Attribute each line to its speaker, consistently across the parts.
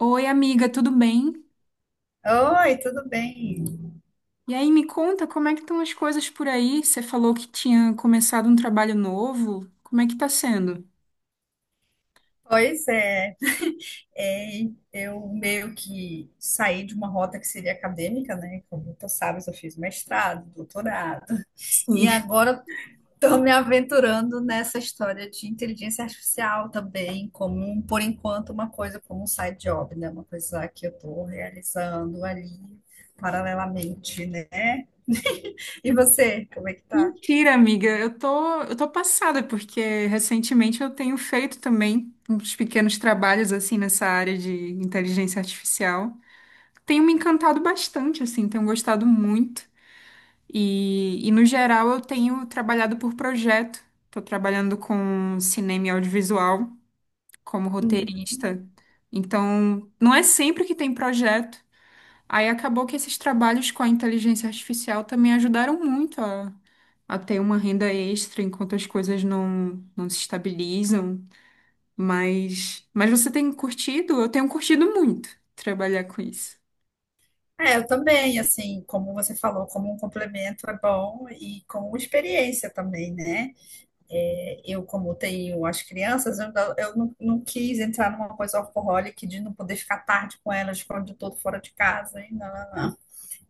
Speaker 1: Oi, amiga, tudo bem?
Speaker 2: Oi, tudo bem?
Speaker 1: E aí, me conta como é que estão as coisas por aí? Você falou que tinha começado um trabalho novo. Como é que tá sendo?
Speaker 2: Pois é, é, eu meio que saí de uma rota que seria acadêmica, né? Como tu sabes, eu fiz mestrado, doutorado, e
Speaker 1: Sim.
Speaker 2: agora estou me aventurando nessa história de inteligência artificial também, como, por enquanto, uma coisa como um side job, né? Uma coisa que eu estou realizando ali paralelamente, né? E você, como é que tá?
Speaker 1: Mentira, amiga. Eu tô passada porque recentemente eu tenho feito também uns pequenos trabalhos assim nessa área de inteligência artificial. Tenho me encantado bastante, assim, tenho gostado muito. E no geral eu tenho trabalhado por projeto. Estou trabalhando com cinema e audiovisual como roteirista. Então, não é sempre que tem projeto. Aí acabou que esses trabalhos com a inteligência artificial também ajudaram muito a ter uma renda extra enquanto as coisas não se estabilizam. Mas você tem curtido? Eu tenho curtido muito trabalhar com isso.
Speaker 2: É, eu também, assim, como você falou, como um complemento é bom e com experiência também, né? É, eu, como tenho as crianças, eu, não, não quis entrar numa coisa alcoólica de não poder ficar tarde com elas quando eu estou fora de casa. E não, não, não.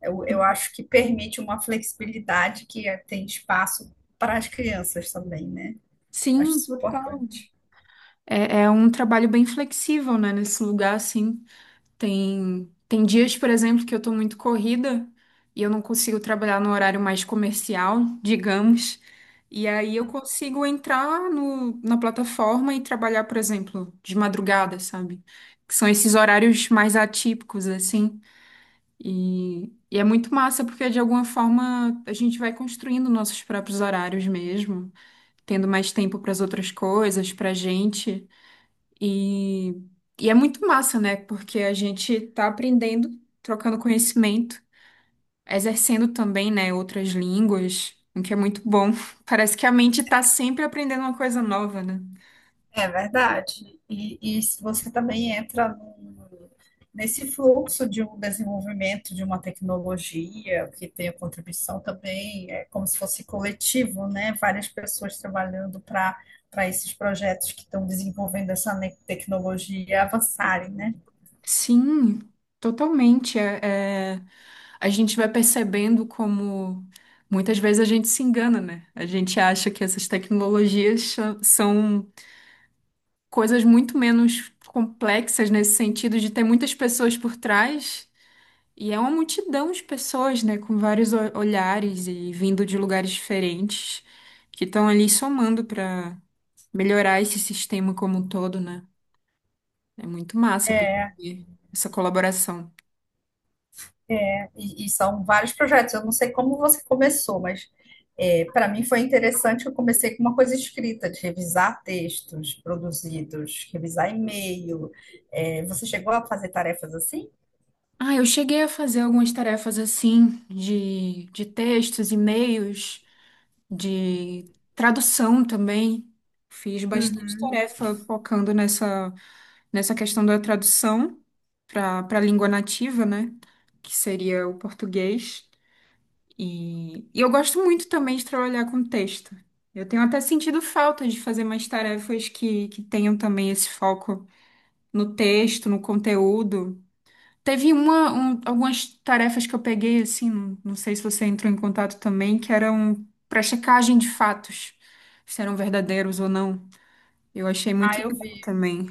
Speaker 2: Eu acho que permite uma flexibilidade tem espaço para as crianças também, né? Acho
Speaker 1: Sim,
Speaker 2: isso
Speaker 1: total.
Speaker 2: importante.
Speaker 1: É, é um trabalho bem flexível, né, nesse lugar, assim. Tem dias, por exemplo, que eu tô muito corrida e eu não consigo trabalhar no horário mais comercial, digamos. E aí eu consigo entrar no, na plataforma e trabalhar, por exemplo, de madrugada, sabe? Que são esses horários mais atípicos, assim. E é muito massa, porque de alguma forma a gente vai construindo nossos próprios horários mesmo, tendo mais tempo para as outras coisas, pra gente. E, e é muito massa, né? Porque a gente tá aprendendo, trocando conhecimento, exercendo também, né, outras línguas, o que é muito bom. Parece que a mente tá sempre aprendendo uma coisa nova, né?
Speaker 2: É verdade. E se você também entra num- nesse fluxo de um desenvolvimento de uma tecnologia que tem a contribuição também, é como se fosse coletivo, né? Várias pessoas trabalhando para esses projetos que estão desenvolvendo tecnologia avançarem, né?
Speaker 1: Sim, totalmente. A gente vai percebendo como muitas vezes a gente se engana, né? A gente acha que essas são coisas muito menos complexas nesse sentido de ter muitas pessoas por trás. E é uma multidão de pessoas, né, com vários olhares e vindo de lugares diferentes, que estão ali somando para melhorar esse sistema como um todo, né? É muito massa perceber essa colaboração.
Speaker 2: E são vários projetos. Eu não sei como você começou, mas é, para mim foi interessante que eu comecei com uma coisa escrita, de revisar textos produzidos, revisar e-mail. É, você chegou a fazer tarefas assim?
Speaker 1: Ah, eu cheguei a fazer algumas tarefas assim, de textos, e-mails, de tradução também. Fiz bastante
Speaker 2: Uhum.
Speaker 1: tarefa focando nessa questão da tradução para a língua nativa, né? Que seria o português. E eu gosto muito também de trabalhar com texto. Eu tenho até sentido falta de fazer mais tarefas que tenham também esse foco no texto, no conteúdo. Teve algumas tarefas que eu peguei, assim, não sei se você entrou em contato também, que eram para checagem de fatos, se eram verdadeiros ou não. Eu achei muito
Speaker 2: Ah, eu
Speaker 1: legal
Speaker 2: vi.
Speaker 1: também.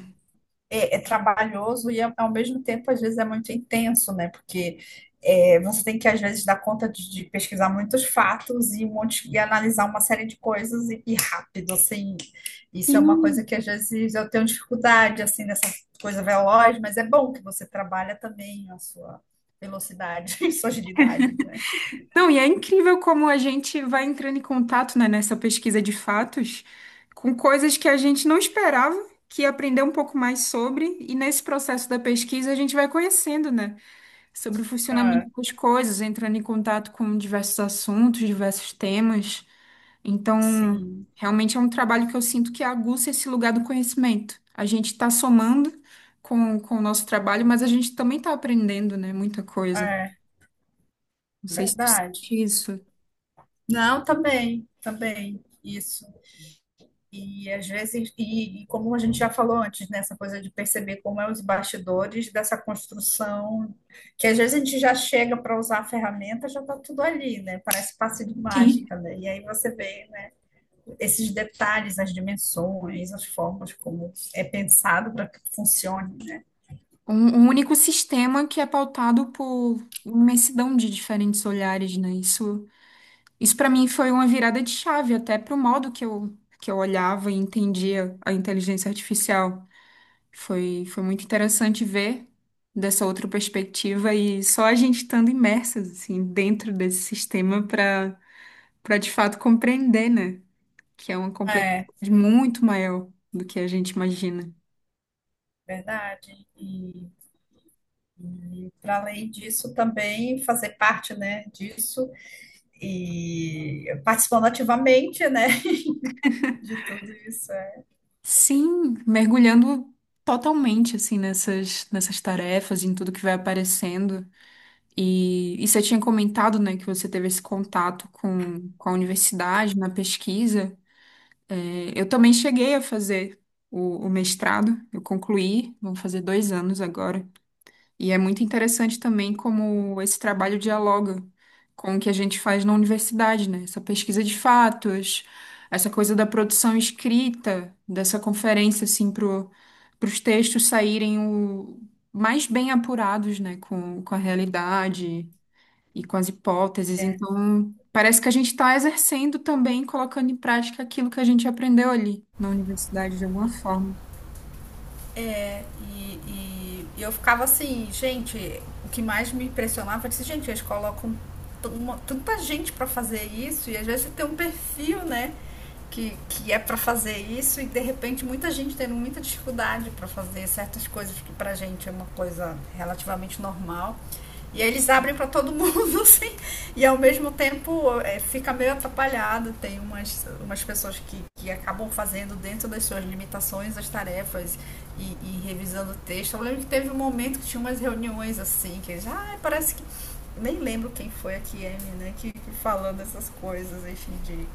Speaker 2: É trabalhoso e, ao mesmo tempo, às vezes é muito intenso, né? Porque é, você tem que, às vezes, dar conta de pesquisar muitos fatos e, um monte, e analisar uma série de coisas e rápido, assim. Isso é uma
Speaker 1: Sim.
Speaker 2: coisa que, às vezes, eu tenho dificuldade, assim, nessa coisa veloz, mas é bom que você trabalha também a sua velocidade e sua agilidade, né?
Speaker 1: Não, e é incrível como a gente vai entrando em contato, né, nessa pesquisa de fatos com coisas que a gente não esperava, que aprender um pouco mais sobre, e nesse processo da pesquisa a gente vai conhecendo, né, sobre o
Speaker 2: Ah,
Speaker 1: funcionamento das coisas, entrando em contato com diversos assuntos, diversos temas. Então,
Speaker 2: sim,
Speaker 1: realmente é um trabalho que eu sinto que aguça esse lugar do conhecimento. A gente está somando com o nosso trabalho, mas a gente também está aprendendo, né, muita coisa.
Speaker 2: é
Speaker 1: Não sei se tu
Speaker 2: verdade.
Speaker 1: sente isso.
Speaker 2: Não, também, também, isso. E às vezes, e como a gente já falou antes, né, essa coisa de perceber como é os bastidores dessa construção, que às vezes a gente já chega para usar a ferramenta, já está tudo ali, né? Parece passe de
Speaker 1: Sim.
Speaker 2: mágica, né? E aí você vê, né, esses detalhes, as dimensões, as formas como é pensado para que funcione, né?
Speaker 1: Um único sistema que é pautado por imensidão de diferentes olhares, né? Isso, isso para mim foi uma virada de chave até para o modo que eu olhava e entendia a inteligência artificial. Foi muito interessante ver dessa outra perspectiva e só a gente estando imersas assim dentro desse sistema para de fato compreender, né? Que é uma
Speaker 2: É,
Speaker 1: complexidade muito maior do que a gente imagina.
Speaker 2: verdade. E para além disso, também fazer parte, né, disso e participando ativamente, né, de tudo isso. É.
Speaker 1: Sim, mergulhando totalmente assim nessas tarefas, em tudo que vai aparecendo. E você tinha comentado, né, que você teve esse contato com a universidade na pesquisa. É, eu também cheguei a fazer o mestrado, eu concluí, vão fazer 2 anos agora. E é muito interessante também como esse trabalho dialoga com o que a gente faz na universidade, né? Essa pesquisa de fatos, essa coisa da produção escrita, dessa conferência, assim, pro, os textos saírem o, mais bem apurados, né? Com a realidade e com as hipóteses. Então, parece que a gente está exercendo também, colocando em prática aquilo que a gente aprendeu ali na universidade, de alguma forma.
Speaker 2: E eu ficava assim, gente, o que mais me impressionava era assim, gente, eles colocam tanta gente para fazer isso, e às vezes tem um perfil, né? Que é para fazer isso, e de repente muita gente tendo muita dificuldade para fazer certas coisas que pra gente é uma coisa relativamente normal. E aí eles abrem para todo mundo, assim, e ao mesmo tempo é, fica meio atrapalhado. Tem umas, umas pessoas que acabam fazendo dentro das suas limitações as tarefas e revisando o texto. Eu lembro que teve um momento que tinha umas reuniões assim, que já ah, parece que. Nem lembro quem foi a Kiemi, né? Que falando essas coisas, enfim,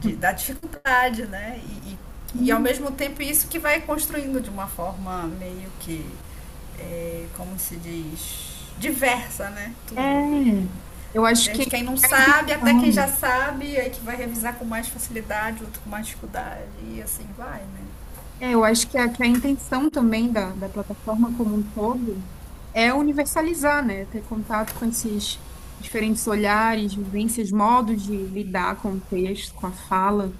Speaker 2: de, da dificuldade, né? E ao
Speaker 1: Hum.
Speaker 2: mesmo tempo isso que vai construindo de uma forma meio que, é, como se diz, diversa, né? Tudo.
Speaker 1: É, eu acho que é
Speaker 2: Desde quem não
Speaker 1: a
Speaker 2: sabe até quem já
Speaker 1: intenção
Speaker 2: sabe, aí que vai revisar com mais facilidade, outro com mais dificuldade. E assim vai, né?
Speaker 1: É, eu acho que que a intenção também da plataforma como um todo é universalizar, né? Ter contato com esses diferentes olhares, vivências, modos de lidar com o texto, com a fala,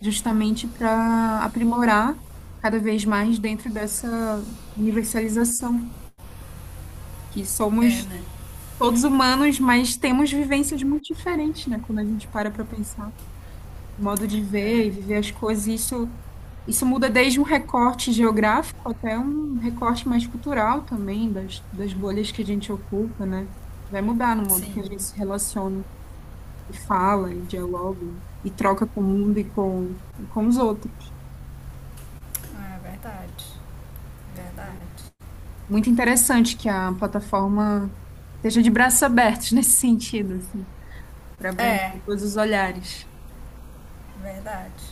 Speaker 1: justamente para aprimorar cada vez mais dentro dessa universalização, que
Speaker 2: É,
Speaker 1: somos
Speaker 2: né?
Speaker 1: todos humanos, mas temos vivências muito diferentes, né? Quando a gente para pensar modo de
Speaker 2: É,
Speaker 1: ver e viver as coisas. E isso muda desde um recorte geográfico até um recorte mais cultural também, das bolhas que a gente ocupa, né? Vai mudar no modo
Speaker 2: sim,
Speaker 1: que a gente se relaciona e fala e dialoga e troca com o mundo e com os outros.
Speaker 2: é verdade. Verdade.
Speaker 1: Muito interessante que a plataforma esteja de braços abertos nesse sentido, assim, para abranger
Speaker 2: É,
Speaker 1: todos os olhares.
Speaker 2: verdade,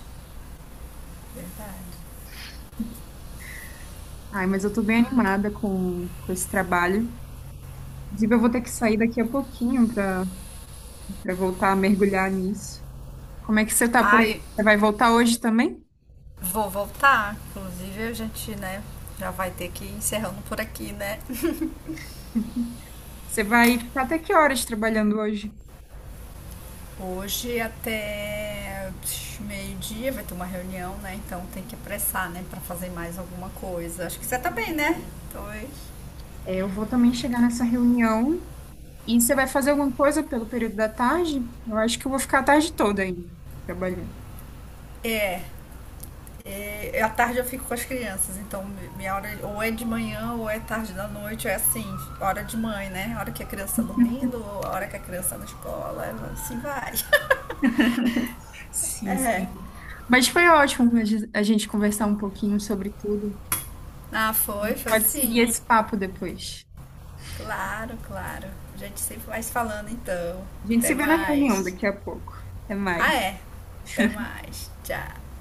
Speaker 2: verdade.
Speaker 1: Ai, mas eu tô bem animada com esse trabalho. Inclusive, eu vou ter que sair daqui a pouquinho para voltar a mergulhar nisso. Como é que você tá por aí?
Speaker 2: Ai,
Speaker 1: Você vai voltar hoje também?
Speaker 2: vou voltar. Inclusive, a gente, né, já vai ter que ir encerrando por aqui, né?
Speaker 1: Você vai ficar até que horas trabalhando hoje?
Speaker 2: Hoje até meio-dia vai ter uma reunião, né? Então tem que apressar, né, para fazer mais alguma coisa. Acho que você tá bem, né? Dois.
Speaker 1: É, eu vou também chegar nessa reunião. E você vai fazer alguma coisa pelo período da tarde? Eu acho que eu vou ficar a tarde toda ainda trabalhando.
Speaker 2: É, e à tarde eu fico com as crianças, então minha hora ou é de manhã ou é tarde da noite, é assim, hora de mãe, né? A hora que a criança tá dormindo, ou a hora que a criança tá na escola, é assim vai.
Speaker 1: Sim,
Speaker 2: É.
Speaker 1: sim. Mas foi ótimo a gente conversar um pouquinho sobre tudo.
Speaker 2: Ah,
Speaker 1: A
Speaker 2: foi,
Speaker 1: gente
Speaker 2: foi
Speaker 1: pode seguir
Speaker 2: sim.
Speaker 1: esse papo depois.
Speaker 2: Claro, claro. A gente sempre vai se falando então.
Speaker 1: A gente
Speaker 2: Até
Speaker 1: se vê na reunião
Speaker 2: mais.
Speaker 1: daqui a pouco. Até
Speaker 2: Ah,
Speaker 1: mais.
Speaker 2: é. Até mais. Tchau.